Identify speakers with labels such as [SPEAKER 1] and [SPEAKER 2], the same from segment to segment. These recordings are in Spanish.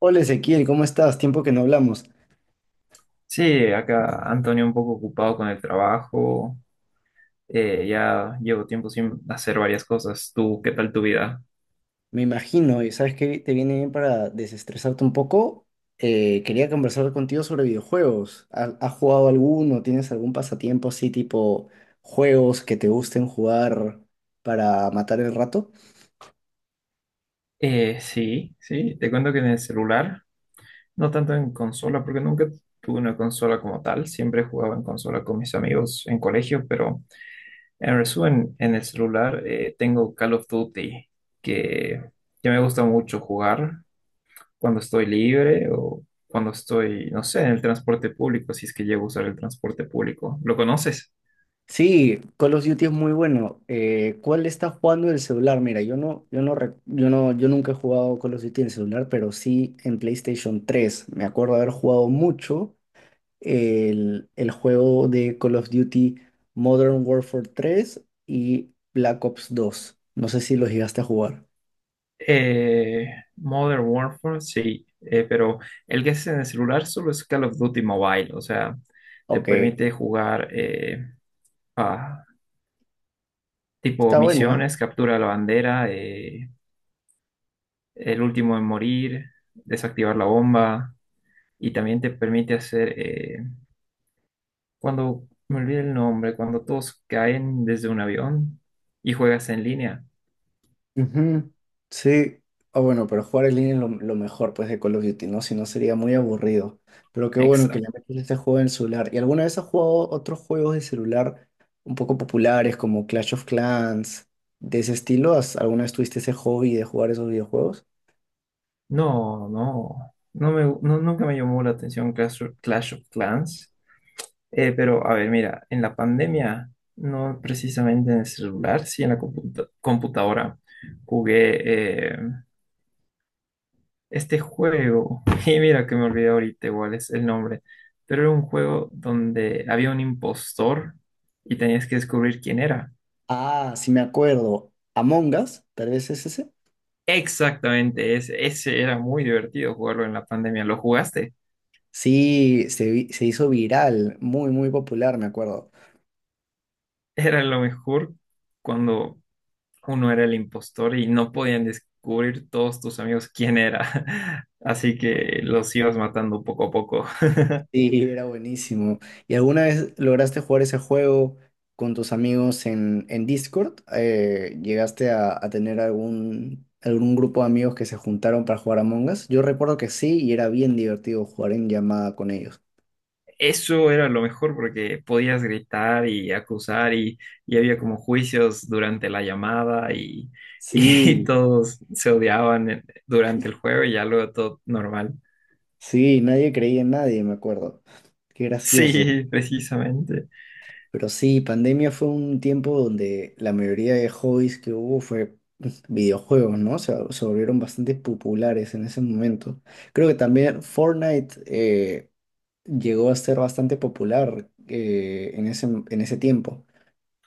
[SPEAKER 1] Hola Ezequiel, ¿cómo estás? Tiempo que no hablamos.
[SPEAKER 2] Sí, acá Antonio un poco ocupado con el trabajo. Ya llevo tiempo sin hacer varias cosas. ¿Tú qué tal tu vida?
[SPEAKER 1] Me imagino, y sabes que te viene bien para desestresarte un poco. Quería conversar contigo sobre videojuegos. ¿Has jugado alguno? ¿Tienes algún pasatiempo así tipo juegos que te gusten jugar para matar el rato?
[SPEAKER 2] Sí, sí, te cuento que en el celular, no tanto en consola, porque nunca tuve una consola como tal. Siempre jugaba en consola con mis amigos en colegio, pero en resumen, en el celular tengo Call of Duty, que, que me gusta mucho jugar cuando estoy libre o cuando estoy, no sé, en el transporte público, si es que llego a usar el transporte público. ¿Lo conoces?
[SPEAKER 1] Sí, Call of Duty es muy bueno. ¿Cuál estás jugando en el celular? Mira, yo no, yo no, rec- yo no, yo nunca he jugado Call of Duty en el celular, pero sí en PlayStation tres. Me acuerdo haber jugado mucho el juego de Call of Duty Modern Warfare tres y Black Ops dos. No sé si los llegaste a jugar.
[SPEAKER 2] Eh, Modern Warfare, sí, pero el que es en el celular solo es Call of Duty Mobile, o sea, te
[SPEAKER 1] Ok,
[SPEAKER 2] permite jugar a tipo
[SPEAKER 1] está bueno, ¿ah?
[SPEAKER 2] misiones, captura la bandera, el último en morir, desactivar la bomba, y también te permite hacer, cuando me olvidé el nombre, cuando todos caen desde un avión y juegas en línea.
[SPEAKER 1] Ujú. Sí, ah, bueno, pero jugar en línea es lo mejor pues de Call of Duty, ¿no? Si no sería muy aburrido. Pero qué bueno que le
[SPEAKER 2] Exacto.
[SPEAKER 1] metes este juego en el celular. ¿Y alguna vez has jugado otros juegos de celular un poco populares como Clash of Clans, de ese estilo? ¿Has- alguna vez tuviste ese hobby de jugar esos videojuegos?
[SPEAKER 2] No, no, nunca me llamó la atención Clash of Clans. Pero a ver, mira, en la pandemia, no precisamente en el celular, sí en la computadora, jugué este juego. Y mira que me olvidé ahorita igual es el nombre, pero era un juego donde había un impostor y tenías que descubrir quién era.
[SPEAKER 1] Ah, sí me acuerdo. Among Us, tal vez es ese.
[SPEAKER 2] Exactamente, ese era muy divertido jugarlo en la pandemia. ¿Lo jugaste?
[SPEAKER 1] Se hizo viral, muy, muy popular, me acuerdo.
[SPEAKER 2] Era lo mejor cuando uno era el impostor y no podían descubrir todos tus amigos quién era. Así que los ibas matando poco a poco.
[SPEAKER 1] Sí, era buenísimo. ¿Y alguna vez lograste jugar ese juego con tus amigos en Discord? ¿Llegaste a tener algún, algún grupo de amigos que se juntaron para jugar Among Us? Yo recuerdo que sí, y era bien divertido jugar en llamada con ellos.
[SPEAKER 2] Eso era lo mejor porque podías gritar y acusar y había como juicios durante la llamada y
[SPEAKER 1] Sí,
[SPEAKER 2] todos se odiaban durante el juego y ya luego todo normal.
[SPEAKER 1] sí, nadie creía en nadie, me acuerdo. Qué gracioso.
[SPEAKER 2] Sí, precisamente.
[SPEAKER 1] Pero sí, pandemia fue un tiempo donde la mayoría de hobbies que hubo fue videojuegos, ¿no? Se volvieron bastante populares en ese momento. Creo que también Fortnite llegó a ser bastante popular en ese tiempo.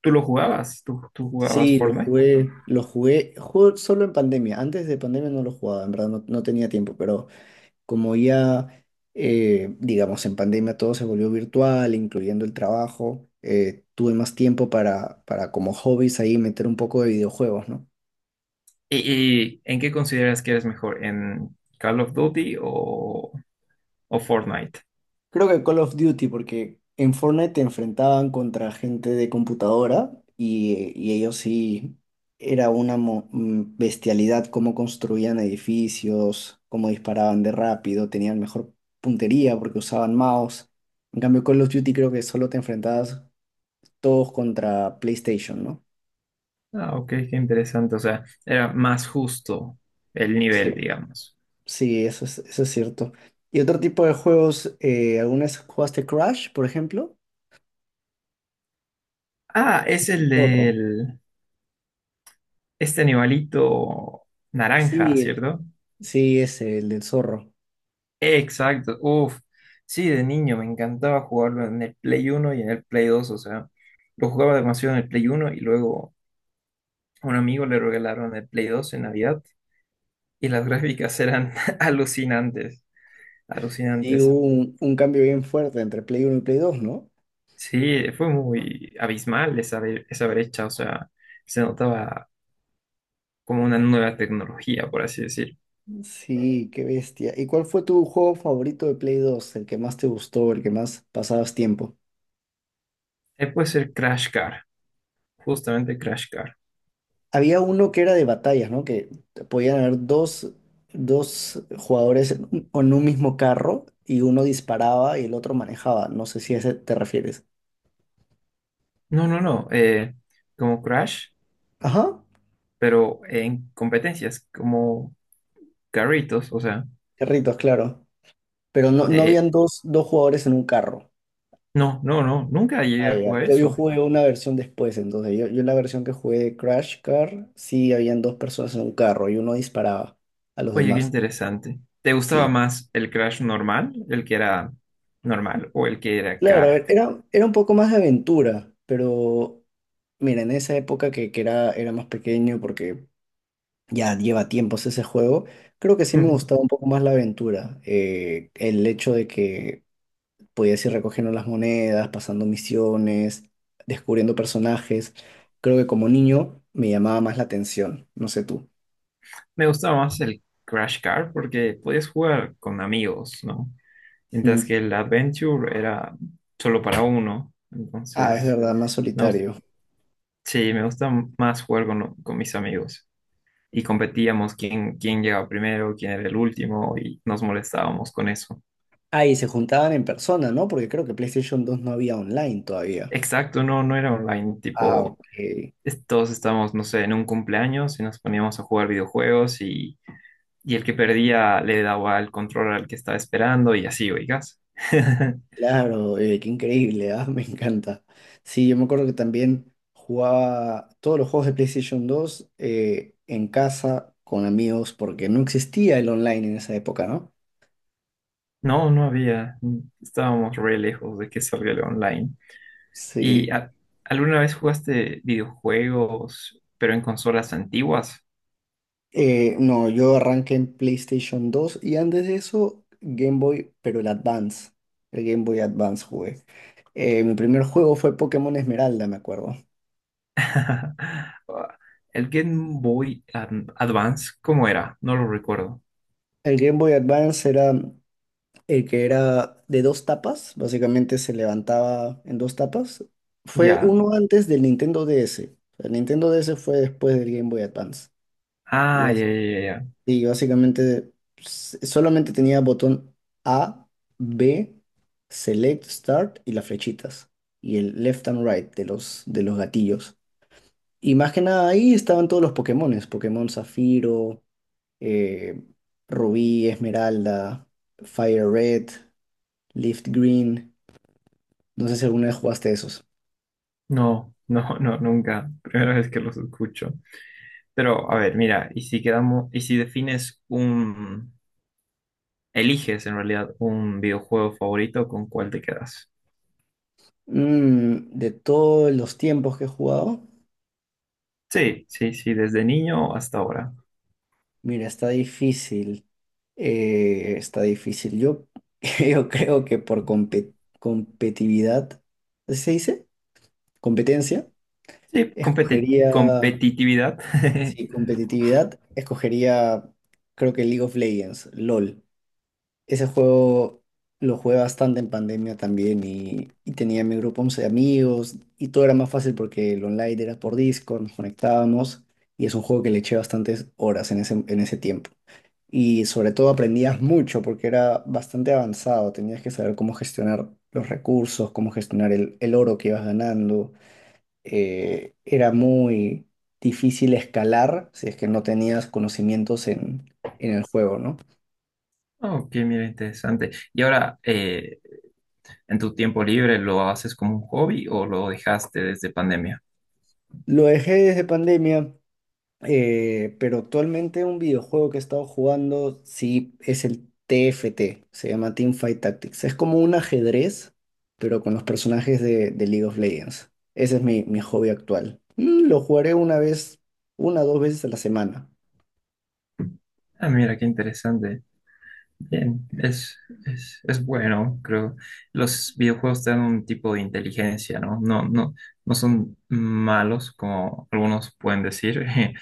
[SPEAKER 2] ¿Tú lo jugabas? ¿Tú jugabas
[SPEAKER 1] Sí,
[SPEAKER 2] Fortnite?
[SPEAKER 1] lo jugué, jugué solo en pandemia. Antes de pandemia no lo jugaba, en verdad no, no tenía tiempo, pero como ya, digamos, en pandemia todo se volvió virtual, incluyendo el trabajo. Tuve más tiempo para como hobbies ahí meter un poco de videojuegos, ¿no?
[SPEAKER 2] ¿Y en qué consideras que eres mejor? ¿En Call of Duty o Fortnite?
[SPEAKER 1] Creo que Call of Duty, porque en Fortnite te enfrentaban contra gente de computadora y ellos sí, era una bestialidad cómo construían edificios, cómo disparaban de rápido, tenían mejor puntería porque usaban mouse. En cambio, Call of Duty creo que solo te enfrentabas todos contra PlayStation, ¿no?
[SPEAKER 2] Ah, ok, qué interesante. O sea, era más justo el
[SPEAKER 1] Sí.
[SPEAKER 2] nivel, digamos.
[SPEAKER 1] Sí, eso es cierto. Y otro tipo de juegos, ¿alguna vez jugaste Crash, por ejemplo?
[SPEAKER 2] Ah, es el
[SPEAKER 1] Zorro.
[SPEAKER 2] del... Este animalito naranja,
[SPEAKER 1] Sí,
[SPEAKER 2] ¿cierto?
[SPEAKER 1] sí, es el del zorro.
[SPEAKER 2] Exacto. Uf. Sí, de niño me encantaba jugarlo en el Play Uno y en el Play Dos. O sea, lo jugaba demasiado en el Play Uno y luego a un amigo le regalaron el Play Dos en Navidad y las gráficas eran alucinantes,
[SPEAKER 1] Sí,
[SPEAKER 2] alucinantes.
[SPEAKER 1] hubo un cambio bien fuerte entre Play Uno y Play 2, ¿no?
[SPEAKER 2] Sí, fue muy abismal esa brecha. O sea, se notaba como una nueva tecnología, por así decir.
[SPEAKER 1] Sí, qué bestia. ¿Y cuál fue tu juego favorito de Play Dos? El que más te gustó, el que más pasabas tiempo.
[SPEAKER 2] Puede ser Crash Car, justamente Crash Car.
[SPEAKER 1] Había uno que era de batallas, ¿no? Que podían haber dos jugadores en un mismo carro y uno disparaba y el otro manejaba. No sé si a ese te refieres.
[SPEAKER 2] No, no, no, como Crash,
[SPEAKER 1] Ajá,
[SPEAKER 2] pero en competencias, como carritos, o sea,
[SPEAKER 1] carritos, claro. Pero no, no
[SPEAKER 2] eh,
[SPEAKER 1] habían dos jugadores en un carro.
[SPEAKER 2] no, no, no, nunca llegué a
[SPEAKER 1] Ay, ay.
[SPEAKER 2] jugar
[SPEAKER 1] Yo
[SPEAKER 2] eso.
[SPEAKER 1] jugué una versión después, entonces yo la versión que jugué de Crash Car, sí habían dos personas en un carro y uno disparaba a los
[SPEAKER 2] Oye, qué
[SPEAKER 1] demás.
[SPEAKER 2] interesante. ¿Te gustaba
[SPEAKER 1] Sí,
[SPEAKER 2] más el Crash normal, el que era normal, o el que era
[SPEAKER 1] claro,
[SPEAKER 2] car?
[SPEAKER 1] era, era un poco más de aventura, pero mira, en esa época que era, era más pequeño, porque ya lleva tiempos ese juego, creo que sí me gustaba un poco más la aventura. El hecho de que podías ir recogiendo las monedas, pasando misiones, descubriendo personajes, creo que como niño me llamaba más la atención, no sé tú.
[SPEAKER 2] Me gustaba más el Crash Car porque podías jugar con amigos, ¿no? Mientras
[SPEAKER 1] Mm.
[SPEAKER 2] que el Adventure era solo para uno.
[SPEAKER 1] Ah, es
[SPEAKER 2] Entonces,
[SPEAKER 1] verdad, más
[SPEAKER 2] no,
[SPEAKER 1] solitario.
[SPEAKER 2] sí, me gusta más jugar con mis amigos. Y competíamos quién, quién llegaba primero, quién era el último, y nos molestábamos con eso.
[SPEAKER 1] Ah, y se juntaban en persona, ¿no? Porque creo que PlayStation dos no había online todavía.
[SPEAKER 2] Exacto, no, no era online,
[SPEAKER 1] Ah,
[SPEAKER 2] tipo,
[SPEAKER 1] ok.
[SPEAKER 2] todos estábamos, no sé, en un cumpleaños y nos poníamos a jugar videojuegos y el que perdía le daba el control al que estaba esperando y así, oigas.
[SPEAKER 1] Claro, qué increíble, ah, me encanta. Sí, yo me acuerdo que también jugaba todos los juegos de PlayStation dos en casa con amigos porque no existía el online en esa época, ¿no?
[SPEAKER 2] No, no había, estábamos re lejos de que salga el online. ¿Y
[SPEAKER 1] Sí.
[SPEAKER 2] a- ¿Alguna vez jugaste videojuegos, pero en consolas antiguas?
[SPEAKER 1] No, yo arranqué en PlayStation dos y antes de eso Game Boy, pero el Advance, el Game Boy Advance jugué. Mi primer juego fue Pokémon Esmeralda, me acuerdo.
[SPEAKER 2] El Game Boy Advance, ¿cómo era? No lo recuerdo.
[SPEAKER 1] El Game Boy Advance era que era de dos tapas, básicamente se levantaba en dos tapas. Fue
[SPEAKER 2] ¿Ya?
[SPEAKER 1] uno antes del Nintendo DS. El Nintendo DS fue después del Game Boy Advance. Y,
[SPEAKER 2] Ah, ya, ya, ya. Ya.
[SPEAKER 1] y básicamente solamente tenía botón A, B, Select, Start y las flechitas. Y el left and right de los gatillos. Y más que nada ahí estaban todos los Pokémones. Pokémon Zafiro, eh, Rubí, Esmeralda, Fire Red, Leaf Green. No sé si alguna vez jugaste esos.
[SPEAKER 2] No, no, no, nunca. Primera vez que los escucho. Pero, a ver, mira, y si quedamos, y si defines un, eliges en realidad un videojuego favorito, ¿con cuál te quedas?
[SPEAKER 1] Mm, de todos los tiempos que he jugado,
[SPEAKER 2] Sí, sí, sí, desde niño hasta ahora.
[SPEAKER 1] mira, está difícil. Está difícil. Yo, yo creo que por competitividad, ¿así ¿se dice? Competencia,
[SPEAKER 2] Sí,
[SPEAKER 1] escogería,
[SPEAKER 2] competitividad.
[SPEAKER 1] sí, competitividad, escogería, creo que League of Legends, LOL. Ese juego lo jugué bastante en pandemia también y tenía mi grupo 11 de amigos y todo era más fácil porque el online era por Discord, nos conectábamos y es un juego que le eché bastantes horas en ese tiempo. Y sobre todo aprendías mucho porque era bastante avanzado, tenías que saber cómo gestionar los recursos, cómo gestionar el oro que ibas ganando. Era muy difícil escalar si es que no tenías conocimientos en el juego, ¿no?
[SPEAKER 2] Ok, mira, interesante. Y ahora, ¿en tu tiempo libre lo haces como un hobby o lo dejaste desde pandemia?
[SPEAKER 1] Lo dejé desde pandemia. Pero actualmente un videojuego que he estado jugando, sí, es el TFT, se llama Team Fight Tactics. Es como un ajedrez, pero con los personajes de League of Legends. Ese es mi, mi hobby actual. Mm, lo jugaré una vez, una o dos veces a la semana.
[SPEAKER 2] Ah, mira, qué interesante. Bien, es bueno, creo. Los videojuegos te dan un tipo de inteligencia, ¿no? No, no, no son malos, como algunos pueden decir.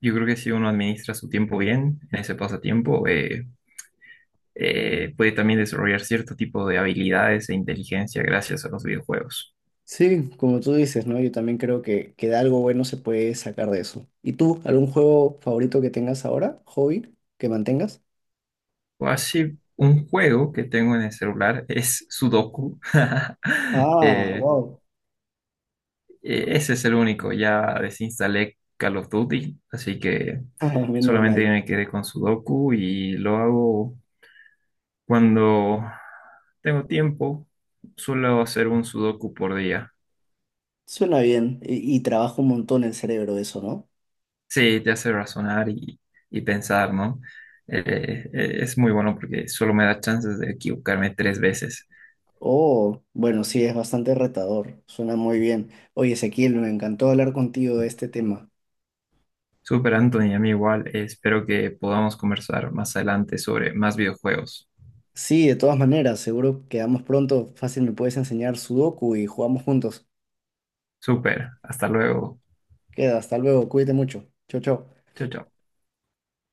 [SPEAKER 2] Yo creo que si uno administra su tiempo bien, en ese pasatiempo, puede también desarrollar cierto tipo de habilidades e inteligencia gracias a los videojuegos.
[SPEAKER 1] Sí, como tú dices, ¿no? Yo también creo que de algo bueno se puede sacar de eso. ¿Y tú, algún juego favorito que tengas ahora? ¿Hobby que mantengas?
[SPEAKER 2] O así, un juego que tengo en el celular es Sudoku.
[SPEAKER 1] Ah,
[SPEAKER 2] Eh,
[SPEAKER 1] wow.
[SPEAKER 2] Ese es el único. Ya desinstalé Call of Duty, así que
[SPEAKER 1] Menos
[SPEAKER 2] solamente
[SPEAKER 1] mal.
[SPEAKER 2] me quedé con Sudoku y lo hago cuando tengo tiempo. Suelo hacer un Sudoku por día.
[SPEAKER 1] Suena bien y trabaja un montón el cerebro eso, ¿no?
[SPEAKER 2] Sí, te hace razonar y pensar, ¿no? Es muy bueno porque solo me da chances de equivocarme tres veces.
[SPEAKER 1] Oh, bueno, sí, es bastante retador, suena muy bien. Oye, Ezequiel, me encantó hablar contigo de este tema.
[SPEAKER 2] Super Anthony, a mí igual. Espero que podamos conversar más adelante sobre más videojuegos.
[SPEAKER 1] Sí, de todas maneras, seguro quedamos pronto, fácil me puedes enseñar Sudoku y jugamos juntos.
[SPEAKER 2] Super, hasta luego.
[SPEAKER 1] Queda, hasta luego, cuídate mucho. Chau, chau.
[SPEAKER 2] Chao, chao.